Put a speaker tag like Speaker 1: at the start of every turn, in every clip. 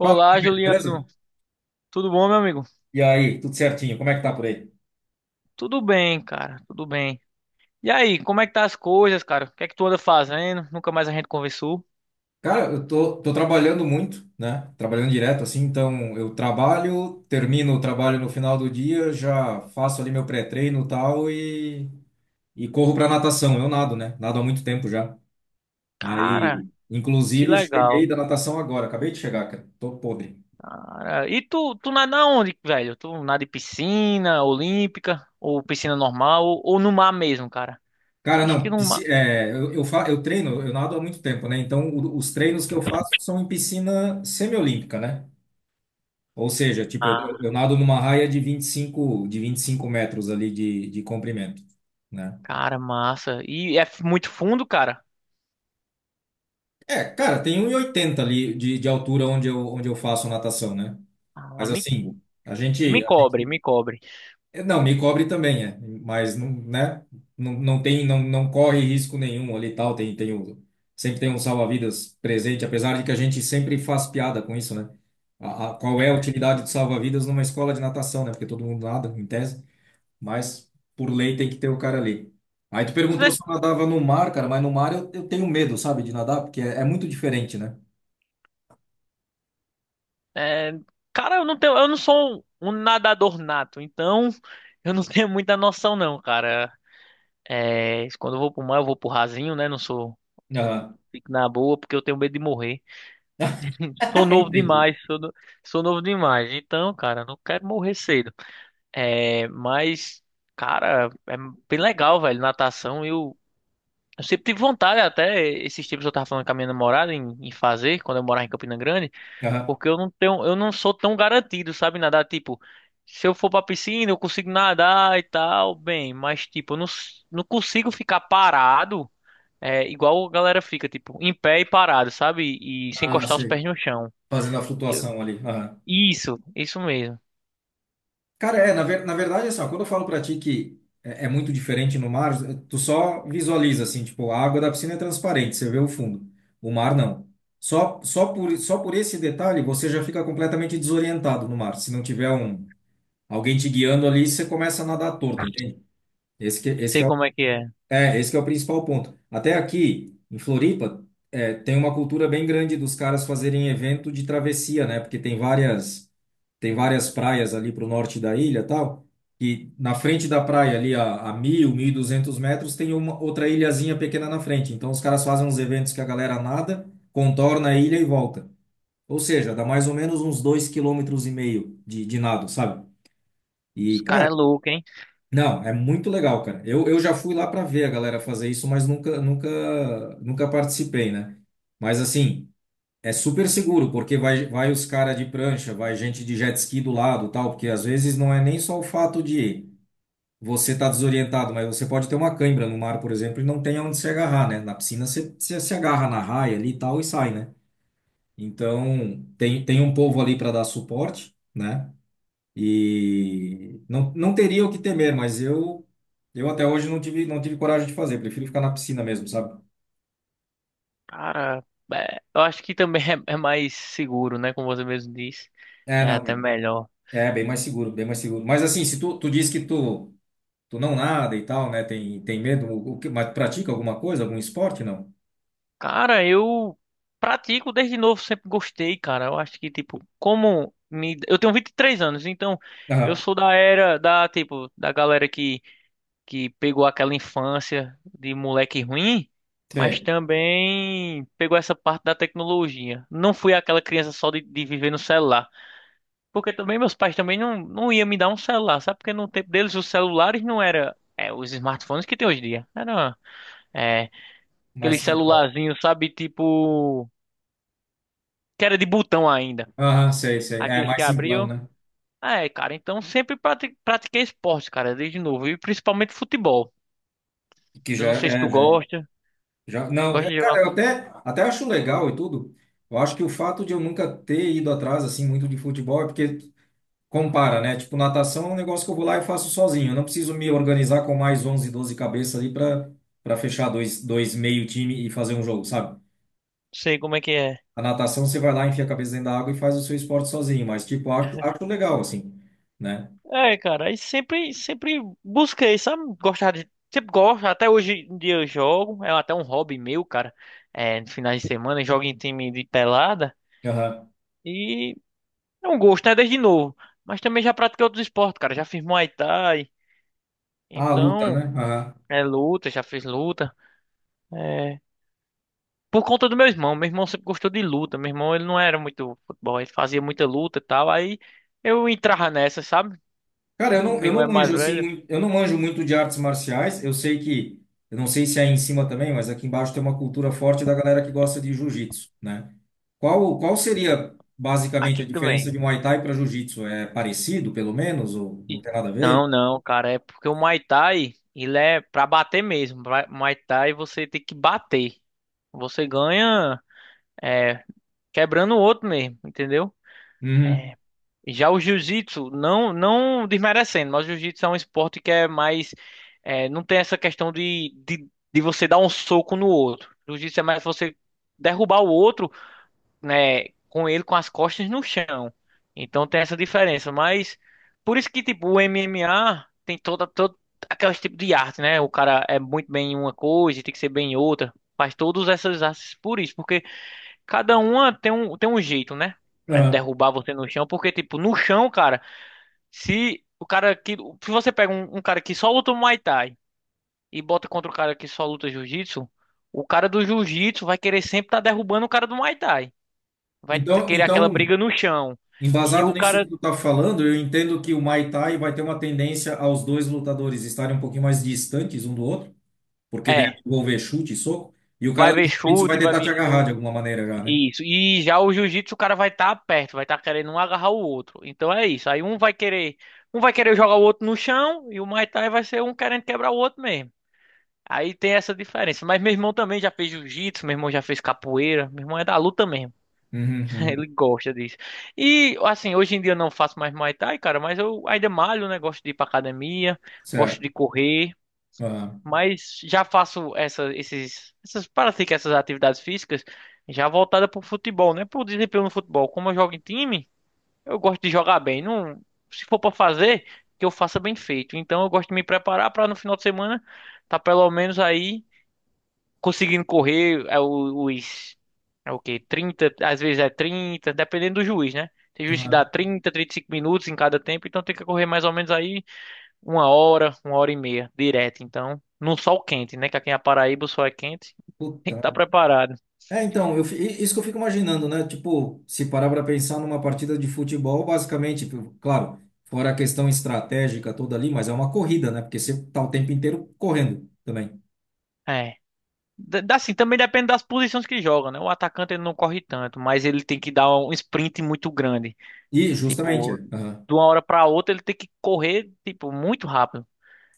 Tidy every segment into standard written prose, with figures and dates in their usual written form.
Speaker 1: Fala, Mohamed, beleza?
Speaker 2: Juliano. Tudo bom, meu amigo?
Speaker 1: E aí, tudo certinho? Como é que tá por aí?
Speaker 2: Tudo bem, cara. Tudo bem. E aí, como é que tá as coisas, cara? O que é que tu anda fazendo? Nunca mais a gente conversou.
Speaker 1: Cara, eu tô trabalhando muito, né? Trabalhando direto, assim, então eu trabalho, termino o trabalho no final do dia, já faço ali meu pré-treino e tal e corro pra natação. Eu nado, né? Nado há muito tempo já.
Speaker 2: Cara,
Speaker 1: Aí,
Speaker 2: que
Speaker 1: inclusive, cheguei
Speaker 2: legal.
Speaker 1: da natação agora, acabei de chegar, cara. Tô podre.
Speaker 2: Cara, e tu nada onde, velho? Tu nada em piscina olímpica ou piscina normal ou no mar mesmo, cara? Eu
Speaker 1: Cara,
Speaker 2: acho que
Speaker 1: não,
Speaker 2: no mar.
Speaker 1: é, eu, fa, eu treino, eu nado há muito tempo, né? Então, os treinos que eu faço são em piscina semiolímpica, né? Ou seja, tipo, eu
Speaker 2: Ah,
Speaker 1: nado numa raia de 25 metros ali de comprimento, né?
Speaker 2: cara, massa. E é muito fundo, cara?
Speaker 1: É, cara, tem um e oitenta ali de altura onde eu faço natação, né?
Speaker 2: Ah,
Speaker 1: Mas assim,
Speaker 2: me
Speaker 1: a
Speaker 2: cobre,
Speaker 1: gente-
Speaker 2: me cobre.
Speaker 1: é, não, me cobre também, é, mas não, né? Não, não tem, não, não corre risco nenhum ali e tal, tem, tem o, sempre tem um salva-vidas presente, apesar de que a gente sempre faz piada com isso, né? Qual é a utilidade do salva-vidas numa escola de natação, né? Porque todo mundo nada, em tese. Mas por lei tem que ter o cara ali. Aí tu perguntou se eu nadava no mar, cara, mas no mar eu tenho medo, sabe, de nadar, porque é, é muito diferente, né?
Speaker 2: É, cara, eu não tenho, eu não sou um nadador nato, então eu não tenho muita noção não, cara. É, quando eu vou pro mar, eu vou pro rasinho, né? Não sou,
Speaker 1: Aham.
Speaker 2: fico na boa porque eu tenho medo de morrer. Sou novo
Speaker 1: Entendi.
Speaker 2: demais, sou, no- sou novo demais. Então, cara, não quero morrer cedo. É, mas, cara, é bem legal, velho, natação. Eu sempre tive vontade, até esses tempos eu tava falando com a minha namorada em fazer, quando eu morava em Campina Grande.
Speaker 1: Aham.
Speaker 2: Porque eu não tenho, eu não sou tão garantido, sabe, nadar, tipo, se eu for pra piscina, eu consigo nadar e tal, bem, mas tipo, eu não, s- não consigo ficar parado, é, igual a galera fica, tipo, em pé e parado, sabe? E sem
Speaker 1: Ah,
Speaker 2: encostar os
Speaker 1: sei.
Speaker 2: pés no chão.
Speaker 1: Fazendo a
Speaker 2: Eu-
Speaker 1: flutuação ali. Aham.
Speaker 2: isso, isso mesmo.
Speaker 1: Cara, é, na verdade, assim, ó, quando eu falo pra ti que é, é muito diferente no mar, tu só visualiza, assim, tipo, a água da piscina é transparente, você vê o fundo. O mar, não. Só por esse detalhe, você já fica completamente desorientado no mar. Se não tiver um, alguém te guiando ali, você começa a nadar torto, entende? Esse que, esse que
Speaker 2: Sei
Speaker 1: é, o-
Speaker 2: como é que é.
Speaker 1: esse que é o principal ponto. Até aqui, em Floripa, é, tem uma cultura bem grande dos caras fazerem evento de travessia, né? Porque tem várias praias ali para o norte da ilha, e tal. E na frente da praia, ali a mil, mil e duzentos metros, tem uma outra ilhazinha pequena na frente. Então os caras fazem uns eventos que a galera nada, contorna a ilha e volta. Ou seja, dá mais ou menos uns dois vírgula cinco quilômetros e meio de nado, sabe? E,
Speaker 2: Os cara é
Speaker 1: cara,
Speaker 2: louco, hein?
Speaker 1: não, é muito legal, cara. Eu já fui lá para ver a galera fazer isso, mas nunca participei, né? Mas assim, é super seguro, porque vai os caras de prancha, vai gente de jet ski do lado, tal, porque às vezes não é nem só o fato de você estar desorientado, mas você pode ter uma cãibra no mar, por exemplo, e não tem aonde se agarrar, né? Na piscina você se agarra na raia ali e tal e sai, né? Então, tem um povo ali para dar suporte, né? E não, não teria o que temer, mas eu até hoje não tive não tive coragem de fazer, prefiro ficar na piscina mesmo, sabe?
Speaker 2: Cara, é, eu acho que também é mais seguro, né, como você mesmo disse.
Speaker 1: É,
Speaker 2: É
Speaker 1: não,
Speaker 2: até
Speaker 1: é,
Speaker 2: melhor.
Speaker 1: é bem mais seguro, bem mais seguro. Mas assim, se tu, tu diz que tu não nada e tal, né? Tem medo, o que, mas pratica alguma coisa, algum esporte, não?
Speaker 2: Cara, eu pratico desde novo, sempre gostei, cara. Eu acho que, tipo, como me... Eu tenho 23 anos, então eu
Speaker 1: Aham,
Speaker 2: sou da era da, tipo, da galera que pegou aquela infância de moleque ruim, mas
Speaker 1: sei,
Speaker 2: também pegou essa parte da tecnologia. Não fui aquela criança só de viver no celular. Porque também meus pais também não iam me dar um celular, sabe? Porque no tempo deles os celulares não era é, os smartphones que tem hoje em dia. Era é,
Speaker 1: mais
Speaker 2: aquele
Speaker 1: simplão.
Speaker 2: celularzinho, sabe? Tipo, que era de botão ainda.
Speaker 1: Aham, sei, sei. É
Speaker 2: Aqueles que
Speaker 1: mais simplão,
Speaker 2: abriam.
Speaker 1: né?
Speaker 2: Ah, é, cara, então sempre pratiquei esporte, cara, desde novo. E principalmente futebol.
Speaker 1: Que
Speaker 2: Eu
Speaker 1: já
Speaker 2: não sei se
Speaker 1: é,
Speaker 2: tu
Speaker 1: já,
Speaker 2: gosta.
Speaker 1: já não, é,
Speaker 2: Gosta de jogar?
Speaker 1: cara,
Speaker 2: Não.
Speaker 1: eu até até acho legal e tudo. Eu acho que o fato de eu nunca ter ido atrás assim muito de futebol é porque compara, né? Tipo, natação é um negócio que eu vou lá e faço sozinho. Eu não preciso me organizar com mais 11, 12 cabeças ali para fechar dois meio time e fazer um jogo, sabe?
Speaker 2: Sei como é que é.
Speaker 1: A natação você vai lá, enfia a cabeça dentro da água e faz o seu esporte sozinho, mas tipo, acho legal assim, né?
Speaker 2: É, cara, aí sempre, sempre busquei, sabe? Gostar de. Sempre gosto, até hoje em dia eu jogo. É até um hobby meu, cara. É, no finais de semana, eu jogo em time de pelada.
Speaker 1: Aham.
Speaker 2: E é um gosto, né? Desde novo. Mas também já pratiquei outros esportes, cara. Já fiz Muay Thai.
Speaker 1: Ah, luta,
Speaker 2: Então,
Speaker 1: né? Aham.
Speaker 2: é luta, já fiz luta. É, por conta do meu irmão. Meu irmão sempre gostou de luta. Meu irmão, ele não era muito futebol, ele fazia muita luta e tal. Aí eu entrava nessa, sabe?
Speaker 1: Cara,
Speaker 2: Meu
Speaker 1: eu
Speaker 2: irmão
Speaker 1: não
Speaker 2: é mais
Speaker 1: manjo assim,
Speaker 2: velho.
Speaker 1: muito, eu não manjo muito de artes marciais. Eu sei que, eu não sei se é aí em cima também, mas aqui embaixo tem uma cultura forte da galera que gosta de jiu-jitsu, né? Qual seria basicamente
Speaker 2: Aqui
Speaker 1: a diferença
Speaker 2: também.
Speaker 1: de Muay Thai para jiu-jitsu? É parecido, pelo menos, ou não
Speaker 2: E-
Speaker 1: tem nada a ver?
Speaker 2: Não, não, cara, é porque o Muay Thai, ele é pra bater mesmo. Muay Thai você tem que bater. Você ganha é, quebrando o outro mesmo, entendeu?
Speaker 1: Uhum.
Speaker 2: Já o jiu-jitsu, não, não desmerecendo, mas o jiu-jitsu é um esporte que é mais. É, não tem essa questão de você dar um soco no outro. O jiu-jitsu é mais você derrubar o outro, né, com ele com as costas no chão. Então tem essa diferença. Mas por isso que, tipo, o MMA tem toda, todo aqueles tipo de arte, né? O cara é muito bem em uma coisa e tem que ser bem em outra. Faz todas essas artes por isso, porque cada uma tem um jeito, né? É
Speaker 1: Aham.
Speaker 2: derrubar você no chão, porque, tipo, no chão, cara. Se o cara que. Se você pega um cara que só luta Muay Thai e bota contra o cara que só luta Jiu-Jitsu, o cara do Jiu-Jitsu vai querer sempre estar derrubando o cara do Muay Thai. Querer aquela
Speaker 1: Então,
Speaker 2: briga no chão. E
Speaker 1: embasado
Speaker 2: o
Speaker 1: nisso que
Speaker 2: cara.
Speaker 1: tu tá falando, eu entendo que o Muay Thai vai ter uma tendência aos dois lutadores estarem um pouquinho mais distantes um do outro, porque deve
Speaker 2: É.
Speaker 1: envolver chute e soco, e o
Speaker 2: Vai
Speaker 1: cara do
Speaker 2: ver
Speaker 1: jiu-jitsu vai
Speaker 2: chute, vai
Speaker 1: tentar te
Speaker 2: vir
Speaker 1: agarrar de
Speaker 2: soco.
Speaker 1: alguma maneira já, né?
Speaker 2: Isso. E já o jiu-jitsu, o cara vai estar perto, vai estar querendo um agarrar o outro. Então é isso. Aí um vai querer. Um vai querer jogar o outro no chão e o Muay Thai vai ser um querendo quebrar o outro mesmo. Aí tem essa diferença. Mas meu irmão também já fez jiu-jitsu, meu irmão já fez capoeira, meu irmão é da luta mesmo.
Speaker 1: Uhum,
Speaker 2: Ele
Speaker 1: uhum.
Speaker 2: gosta disso. E assim, hoje em dia eu não faço mais Muay Thai, cara, mas eu ainda malho, né? Gosto de ir pra academia, gosto
Speaker 1: Certo.
Speaker 2: de correr,
Speaker 1: Aham.
Speaker 2: mas já faço essas, pratico essas atividades físicas já voltada pro futebol, né? Pro desempenho no futebol. Como eu jogo em time, eu gosto de jogar bem. Não, se for pra fazer, que eu faça bem feito. Então eu gosto de me preparar pra no final de semana tá pelo menos aí conseguindo correr os é o quê? 30 às vezes é 30 dependendo do juiz, né? Tem juiz que
Speaker 1: Aham.
Speaker 2: dá 35 minutos em cada tempo, então tem que correr mais ou menos aí uma hora e meia direto, então, num sol quente, né? Que aqui na Paraíba o sol é quente, tem
Speaker 1: Puta
Speaker 2: que estar
Speaker 1: merda.
Speaker 2: preparado.
Speaker 1: É, então, isso que eu fico imaginando, né? Tipo, se parar para pensar numa partida de futebol, basicamente, claro, fora a questão estratégica toda ali, mas é uma corrida, né? Porque você tá o tempo inteiro correndo também.
Speaker 2: É. Assim, também depende das posições que joga, né? O atacante ele não corre tanto, mas ele tem que dar um sprint muito grande.
Speaker 1: E justamente, é.
Speaker 2: Tipo,
Speaker 1: Aham.
Speaker 2: de uma hora para outra ele tem que correr, tipo, muito rápido.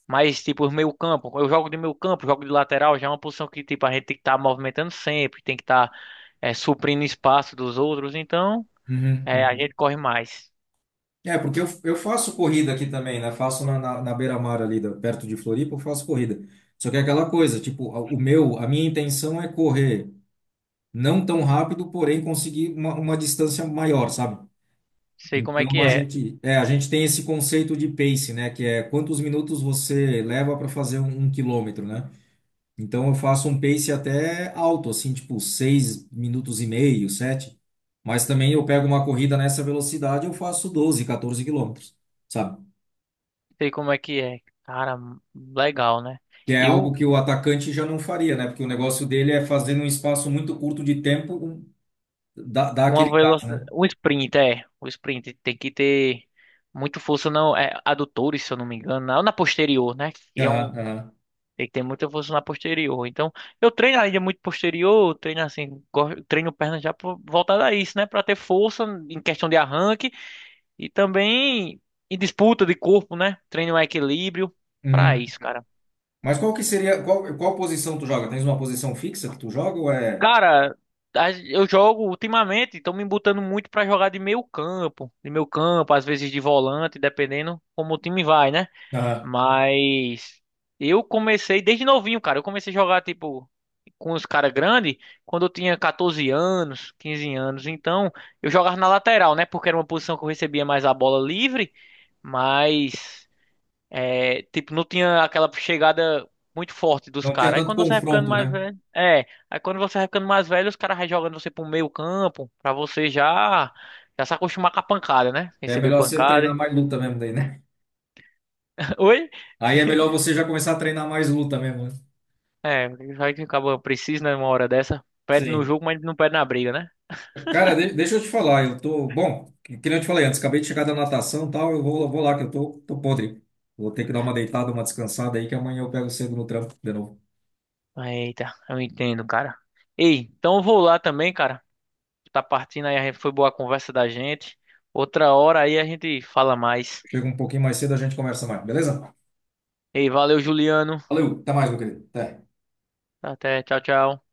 Speaker 2: Mas, tipo, meio campo, eu jogo de meio campo, jogo de lateral, já é uma posição que, tipo, a gente tem que estar movimentando sempre, tem que estar suprindo espaço dos outros, então
Speaker 1: Uhum,
Speaker 2: é, a
Speaker 1: uhum.
Speaker 2: gente corre mais.
Speaker 1: É, porque eu faço corrida aqui também, né? Faço na beira-mar ali, perto de Floripa, eu faço corrida. Só que é aquela coisa, tipo, a minha intenção é correr não tão rápido, porém conseguir uma distância maior, sabe?
Speaker 2: Sei como é que
Speaker 1: Então
Speaker 2: é,
Speaker 1: a gente tem esse conceito de pace, né? Que é quantos minutos você leva para fazer um quilômetro, né? Então eu faço um pace até alto, assim, tipo, seis minutos e meio, sete. Mas também eu pego uma corrida nessa velocidade, eu faço 12, 14 quilômetros, sabe?
Speaker 2: sei como é que é. Cara, legal, né?
Speaker 1: Que é
Speaker 2: E
Speaker 1: algo
Speaker 2: o,
Speaker 1: que o atacante já não faria, né? Porque o negócio dele é fazer num espaço muito curto de tempo dar, dar
Speaker 2: uma
Speaker 1: aquele gás,
Speaker 2: velocidade,
Speaker 1: né?
Speaker 2: um sprint, é, o sprint tem que ter muito força, não, é, adutores, se eu não me engano, na posterior, né? Que é
Speaker 1: Aham,
Speaker 2: um.
Speaker 1: aham.
Speaker 2: Tem que ter muita força na posterior. Então, eu treino ainda muito posterior, treino assim, treino perna já voltada a isso, né? Pra ter força em questão de arranque e também em disputa de corpo, né? Treino um equilíbrio pra
Speaker 1: Uhum.
Speaker 2: isso, cara.
Speaker 1: Mas qual que seria, qual, qual posição tu joga? Tens uma posição fixa que tu joga ou é...
Speaker 2: Cara, eu jogo ultimamente, estão me botando muito pra jogar de meio campo, às vezes de volante, dependendo como o time vai, né?
Speaker 1: Aham.
Speaker 2: Mas eu comecei desde novinho, cara. Eu comecei a jogar, tipo, com os caras grandes quando eu tinha 14 anos, 15 anos. Então, eu jogava na lateral, né? Porque era uma posição que eu recebia mais a bola livre, mas, é, tipo, não tinha aquela chegada muito forte dos
Speaker 1: Não tinha
Speaker 2: caras. Aí
Speaker 1: tanto
Speaker 2: quando você vai ficando
Speaker 1: confronto,
Speaker 2: mais
Speaker 1: né?
Speaker 2: velho. É, aí quando você vai ficando mais velho, os caras vai jogando você pro meio campo, pra você já. Já se acostumar com a pancada, né?
Speaker 1: É
Speaker 2: Receber
Speaker 1: melhor você treinar
Speaker 2: pancada.
Speaker 1: mais luta mesmo daí, né?
Speaker 2: Oi?
Speaker 1: Aí é melhor você já começar a treinar mais luta mesmo, né?
Speaker 2: É, vai que acaba precisa numa hora dessa. Perde no
Speaker 1: Sim.
Speaker 2: jogo, mas não perde na briga, né?
Speaker 1: Cara, deixa eu te falar, eu tô. Bom, que nem eu te falei antes, acabei de chegar da natação e tal, vou lá que tô podre. Vou ter que dar uma deitada, uma descansada aí, que amanhã eu pego cedo no trampo de novo.
Speaker 2: Eita, eu entendo, cara. Ei, então eu vou lá também, cara. Tá partindo aí, foi boa a conversa da gente. Outra hora aí a gente fala mais.
Speaker 1: Chega um pouquinho mais cedo, a gente conversa mais, beleza?
Speaker 2: Ei, valeu, Juliano.
Speaker 1: Valeu, até mais, meu querido. Até.
Speaker 2: Até, tchau, tchau.